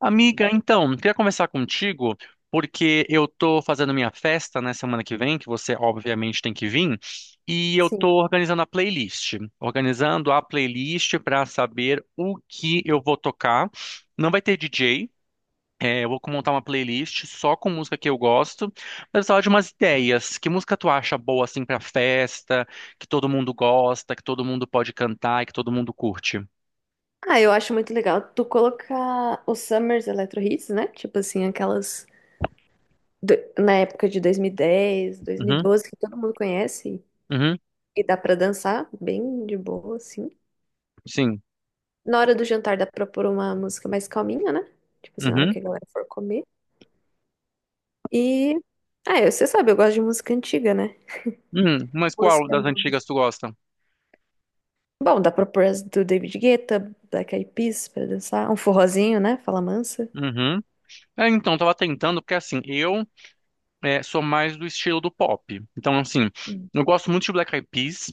Amiga, então, queria conversar contigo porque eu tô fazendo minha festa na semana que vem, que você obviamente tem que vir, e eu Sim. tô organizando a playlist para saber o que eu vou tocar. Não vai ter DJ, eu vou montar uma playlist só com música que eu gosto, mas eu precisava de umas ideias. Que música tu acha boa assim para festa, que todo mundo gosta, que todo mundo pode cantar e que todo mundo curte? Eu acho muito legal tu colocar os Summers Electro Hits, né? Tipo assim, aquelas na época de 2010, Uhum, 2012, que todo mundo conhece uhum, e dá pra dançar bem de boa, assim. sim. Na hora do jantar dá pra pôr uma música mais calminha, né? Tipo assim, a hora Uhum. que a galera for comer. E. Você sabe, eu gosto de música antiga, né? Mas qual Música das nova. antigas tu gosta? Bom, dá pra pôr as do David Guetta, Black Eyed Peas pra dançar. Um forrozinho, né? Fala mansa. Uhum. É, então, tava tentando, porque assim, sou mais do estilo do pop. Então, assim, eu gosto muito de Black Eyed Peas.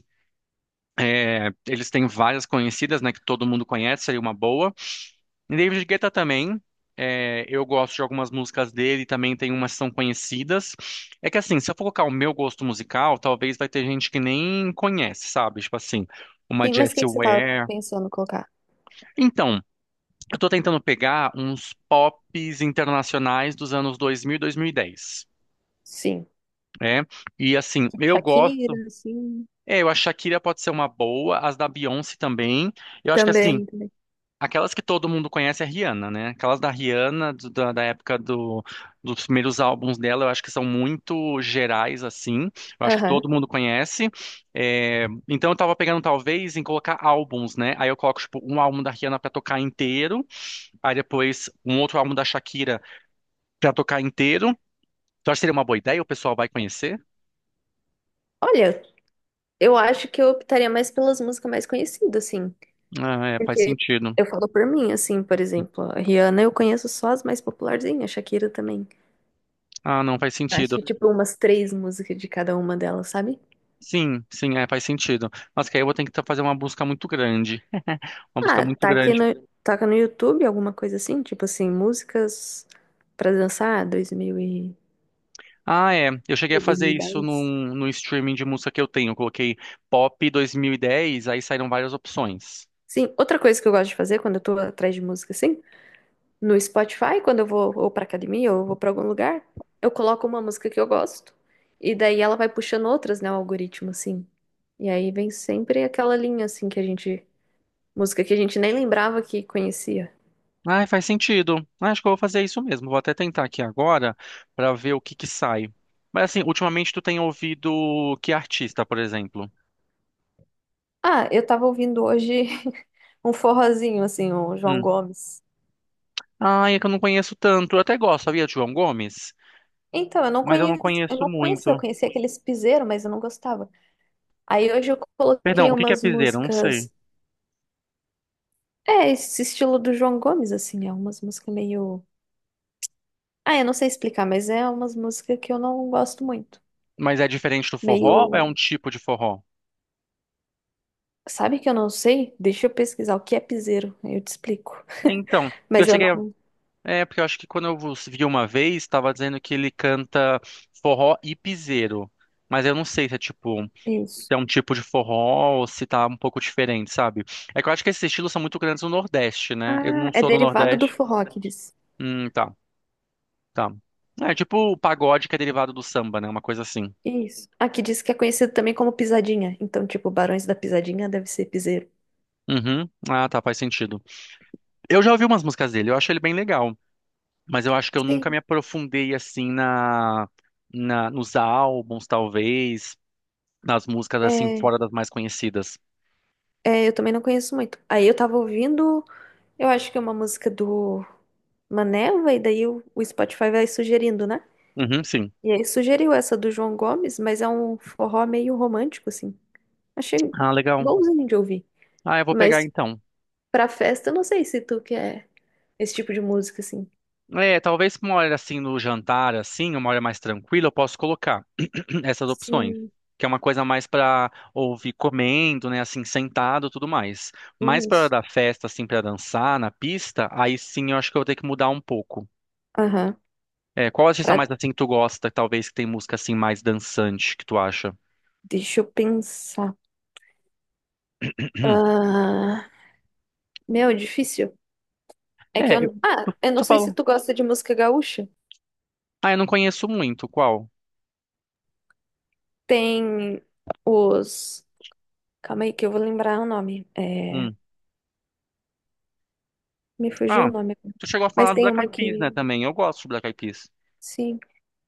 Eles têm várias conhecidas, né, que todo mundo conhece, seria uma boa. E David Guetta também. Eu gosto de algumas músicas dele, também tem umas que são conhecidas. É que assim, se eu for colocar o meu gosto musical, talvez vai ter gente que nem conhece, sabe? Tipo assim, uma Sim, mas o que Jessie que você tava Ware. pensando em colocar? Então, eu tô tentando pegar uns pops internacionais dos anos 2000 e 2010, Sim. né? E assim, Tipo eu Shakira, gosto. assim. É, eu acho que a Shakira pode ser uma boa, as da Beyoncé também. Eu acho que assim, Também, também. aquelas que todo mundo conhece é a Rihanna, né? Aquelas da Rihanna, da época dos primeiros álbuns dela, eu acho que são muito gerais, assim. Eu acho que Aham. todo mundo conhece. É, então eu tava pegando, talvez, em colocar álbuns, né? Aí eu coloco, tipo, um álbum da Rihanna pra tocar inteiro. Aí depois um outro álbum da Shakira pra tocar inteiro. Tu acha que seria uma boa ideia? O pessoal vai conhecer? Olha, eu acho que eu optaria mais pelas músicas mais conhecidas, assim. Ah, é, faz Porque sentido. eu falo por mim, assim, por exemplo, a Rihanna eu conheço só as mais popularzinhas, a Shakira também. Ah, não, faz Acho sentido. que, tipo, umas três músicas de cada uma delas, sabe? Sim, sim, é, faz sentido. Mas que aí eu vou ter que fazer uma busca muito grande. Uma busca Ah, muito tá aqui grande. no, toca no YouTube, alguma coisa assim, tipo assim, músicas pra dançar, Ah, é. Eu cheguei a dois fazer mil e isso dez. No streaming de música que eu tenho. Eu coloquei Pop 2010, aí saíram várias opções. Sim, outra coisa que eu gosto de fazer quando eu tô atrás de música, assim, no Spotify, quando eu vou ou pra academia ou eu vou pra algum lugar, eu coloco uma música que eu gosto. E daí ela vai puxando outras, né? O algoritmo, assim. E aí vem sempre aquela linha, assim, que a gente. Música que a gente nem lembrava que conhecia. Ah, faz sentido. Ah, acho que eu vou fazer isso mesmo. Vou até tentar aqui agora pra ver o que que sai. Mas assim, ultimamente tu tem ouvido que artista, por exemplo? Ah, eu tava ouvindo hoje um forrozinho, assim, o João Hum. Gomes. Ah, é que eu não conheço tanto. Eu até gosto, sabia, de João Gomes? Então, eu não Mas eu não conhecia, conheço eu muito. conhecia aqueles piseiro, mas eu não gostava. Aí hoje eu Perdão, coloquei o que que é umas piseiro? Eu não sei. músicas. É, esse estilo do João Gomes, assim, é umas músicas meio. Ah, eu não sei explicar, mas é umas músicas que eu não gosto muito. Mas é diferente do forró ou é Meio. um tipo de forró? Sabe que eu não sei? Deixa eu pesquisar o que é piseiro, aí eu te explico. É, então, porque eu Mas eu cheguei a... não. É, porque eu acho que quando eu vos vi uma vez, estava dizendo que ele canta forró e piseiro. Mas eu não sei se é tipo, se Isso. é um tipo de forró ou se tá um pouco diferente, sabe? É que eu acho que esses estilos são muito grandes no Nordeste, né? Eu Ah, não é sou do derivado do Nordeste. forró que diz. Tá, tá. É tipo o pagode que é derivado do samba, né? Uma coisa assim. Isso. Aqui diz que é conhecido também como pisadinha. Então, tipo, Barões da Pisadinha deve ser piseiro. Uhum. Ah, tá, faz sentido. Eu já ouvi umas músicas dele, eu acho ele bem legal, mas eu acho que eu nunca me Sim. aprofundei assim na nos álbuns, talvez, nas músicas assim É, fora das mais conhecidas. Eu também não conheço muito. Aí eu tava ouvindo, eu acho que é uma música do Maneva, e daí o Spotify vai sugerindo, né? Uhum, sim. E aí sugeriu essa do João Gomes, mas é um forró meio romântico, assim. Achei Ah, legal. bonzinho de ouvir. Ah, eu vou pegar Mas então. pra festa, eu não sei se tu quer esse tipo de música, assim. É, talvez uma hora assim no jantar, assim, uma hora mais tranquila, eu posso colocar essas opções, Sim, que é uma coisa mais pra ouvir comendo, né, assim, sentado, e tudo mais. Mas pra hora isso. da festa, assim, pra dançar na pista, aí sim eu acho que eu vou ter que mudar um pouco. Aham. É, qual artista mais Pra- assim que tu gosta, talvez que tem música assim mais dançante que tu acha? Deixa eu pensar. Ah, meu, difícil. É que É, eu- eu. Ah, eu não tu sei se falou. tu gosta de música gaúcha. Ah, eu não conheço muito. Qual? Tem os. Calma aí que eu vou lembrar o nome. Hum. Me fugiu o Ah, nome. tu chegou a Mas falar do tem Black Eyed uma Peas, né, que. também. Eu gosto de Black Eyed Peas. Sim.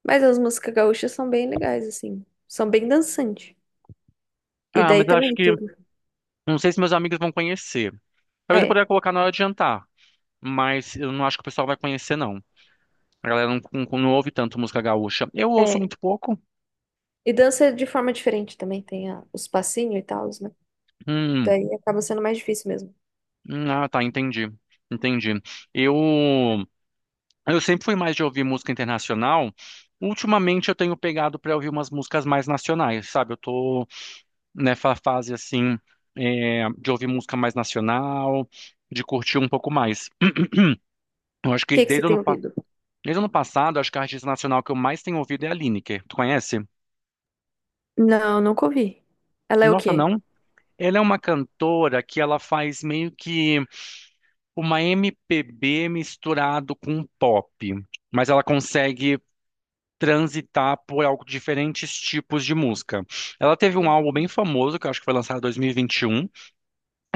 Mas as músicas gaúchas são bem legais, assim. São bem dançantes. E Ah, daí mas eu acho também que tudo. não sei se meus amigos vão conhecer. Talvez eu É. poderia colocar na hora de jantar, mas eu não acho que o pessoal vai conhecer não. A galera não ouve tanto música gaúcha. Eu ouço É. muito pouco. E dança de forma diferente também, tem os passinhos e tal, né? Hum. Daí acaba sendo mais difícil mesmo. O ah, tá, entendi. Entendi. Eu Eu sempre fui mais de ouvir música internacional. Ultimamente eu tenho pegado para ouvir umas músicas mais nacionais, sabe? Eu tô nessa fase assim, é, de ouvir música mais nacional, de curtir um pouco mais. Eu acho que que que você desde tem ouvido? desde o ano passado, acho que a artista nacional que eu mais tenho ouvido é a Lineker. Tu conhece? Não, nunca ouvi. Ela é o Nossa, quê? não? Ela é uma cantora que ela faz meio que uma MPB misturado com pop, mas ela consegue transitar por algo, diferentes tipos de música. Ela teve um álbum bem famoso, que eu acho que foi lançado em 2021.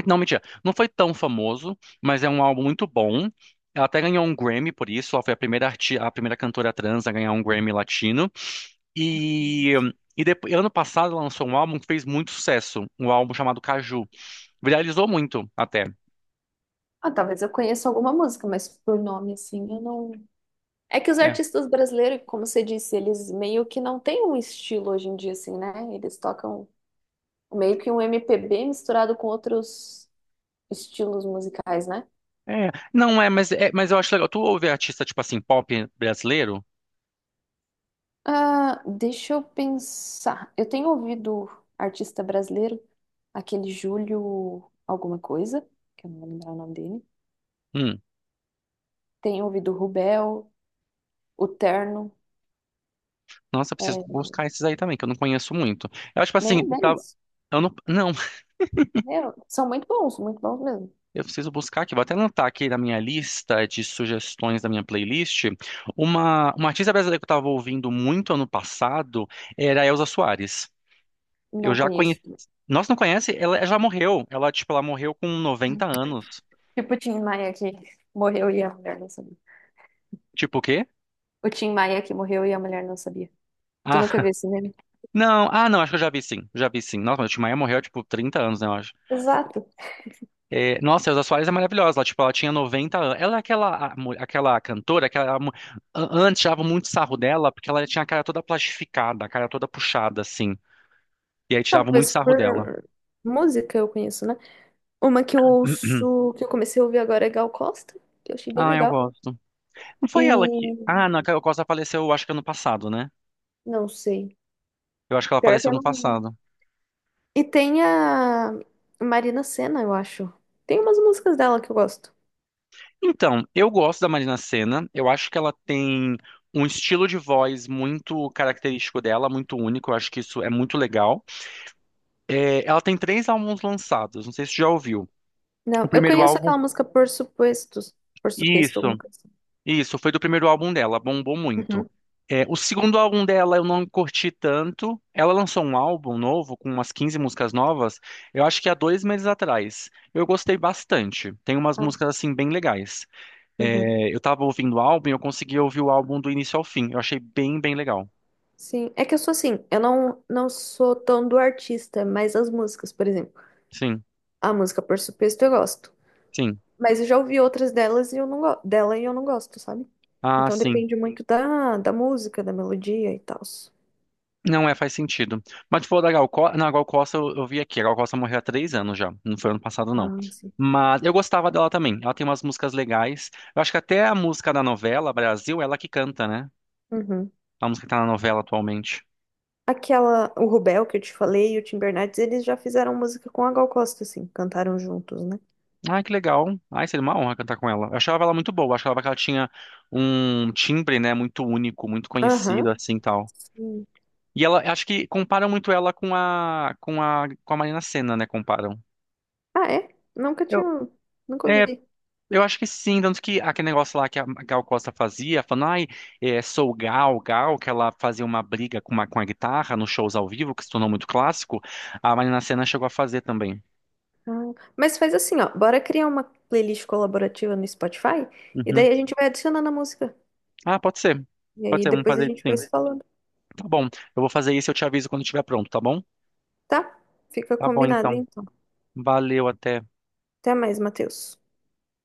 Não, mentira, não foi tão famoso, mas é um álbum muito bom. Ela até ganhou um Grammy por isso, ela foi a primeira cantora trans a ganhar um Grammy latino. E, e depois, ano passado ela lançou um álbum que fez muito sucesso, um álbum chamado Caju. Viralizou muito até. Ah, talvez eu conheça alguma música, mas por nome assim, eu não. É que os É, artistas brasileiros, como você disse, eles meio que não têm um estilo hoje em dia, assim, né? Eles tocam meio que um MPB misturado com outros estilos musicais, né? é. Não é, mas, é, mas eu acho legal. Tu ouve artista tipo assim, pop brasileiro? Ah, deixa eu pensar. Eu tenho ouvido artista brasileiro, aquele Júlio alguma coisa, que eu não vou lembrar o nome dele. Hum. Tenho ouvido o Rubel, o Terno. Nossa, eu preciso É, buscar esses aí também, que eu não conheço muito. Eu, tipo assim, nenhum deles. eu não, não, Meu, são muito bons mesmo. eu preciso buscar aqui. Vou até anotar aqui na minha lista de sugestões da minha playlist. Uma artista brasileira que eu estava ouvindo muito ano passado era a Elza Soares. Eu Não já conheci. conheço. Nossa, não conhece? Ela já morreu. Ela, tipo, ela morreu com 90 anos. Tipo o Tim Maia que morreu e a mulher não sabia. Tipo o quê? O Tim Maia que morreu e a mulher não sabia. Tu Ah, nunca viu esse meme? não, ah, não, acho que eu já vi sim. Já vi sim. Nossa, mas o Tim Maia morreu, tipo, 30 anos, né? Exato. É, nossa, a Elza Soares é maravilhosa. Ela, tipo, ela tinha 90 anos. Ela é aquela, aquela cantora, antes tirava muito sarro dela, porque ela tinha a cara toda plastificada, a cara toda puxada, assim. E aí tirava muito Talvez sarro dela. por música eu conheço, né? Uma que eu ouço, que eu comecei a ouvir agora é Gal Costa, que eu achei bem Ah, eu legal. gosto. Não foi ela que. E Ah, não, a Caio Costa faleceu, acho que ano passado, né? não sei. Eu acho que ela Pior que faleceu ano eu não. passado. E tem a Marina Sena, eu acho. Tem umas músicas dela que eu gosto. Então, eu gosto da Marina Sena. Eu acho que ela tem um estilo de voz muito característico dela, muito único. Eu acho que isso é muito legal. É, ela tem 3 álbuns lançados, não sei se você já ouviu. O Não, eu primeiro conheço álbum, aquela música Por Supostos, Por Suposto, alguma isso, coisa assim. isso, foi do primeiro álbum dela, bombou muito. Uhum. É, o segundo álbum dela eu não curti tanto. Ela lançou um álbum novo com umas 15 músicas novas, eu acho que há 2 meses atrás. Eu gostei bastante. Tem umas Ah, músicas assim bem legais. uhum. É, eu tava ouvindo o álbum e eu consegui ouvir o álbum do início ao fim. Eu achei bem legal. Sim, é que eu sou assim, eu não, não sou tão do artista, mas as músicas, por exemplo. Sim, A música Por Suposto eu gosto. sim. Mas eu já ouvi outras delas e eu não dela e eu não gosto, sabe? Ah, Então sim. depende muito da música, da melodia e tal. Não é, faz sentido. Mas, tipo, da Gal Costa. Não, Gal Costa eu vi aqui. A Gal Costa morreu há 3 anos já. Não foi ano passado, não. Ah, sim. Mas eu gostava dela também. Ela tem umas músicas legais. Eu acho que até a música da novela Brasil, é ela que canta, né? Uhum. A música que tá na novela atualmente. Aquela, o Rubel que eu te falei e o Tim Bernardes, eles já fizeram música com a Gal Costa, assim, cantaram juntos, né? Ai, que legal. Ai, seria uma honra cantar com ela. Eu achava ela muito boa. Eu achava que ela tinha um timbre, né? Muito único, muito conhecido, Aham. assim, tal. Sim. E ela, acho que comparam muito ela com a Marina Sena, né? Comparam. Ah, é? Nunca tinha, Eu, nunca é. ouvi. Eu acho que sim, tanto que aquele negócio lá que a Gal Costa fazia, falando, ai, é, sou Gal, Gal, que ela fazia uma briga com a guitarra nos shows ao vivo, que se tornou muito clássico, a Marina Sena chegou a fazer também. Ah, mas faz assim, ó, bora criar uma playlist colaborativa no Spotify e Uhum. daí a gente vai adicionando a música. Ah, pode ser. E Pode aí ser, vamos depois a fazer isso gente vai sim. se falando, Tá bom, eu vou fazer isso e eu te aviso quando estiver pronto, tá bom? tá? Fica Tá bom, combinado, então. então. Valeu, até. Até mais, Matheus.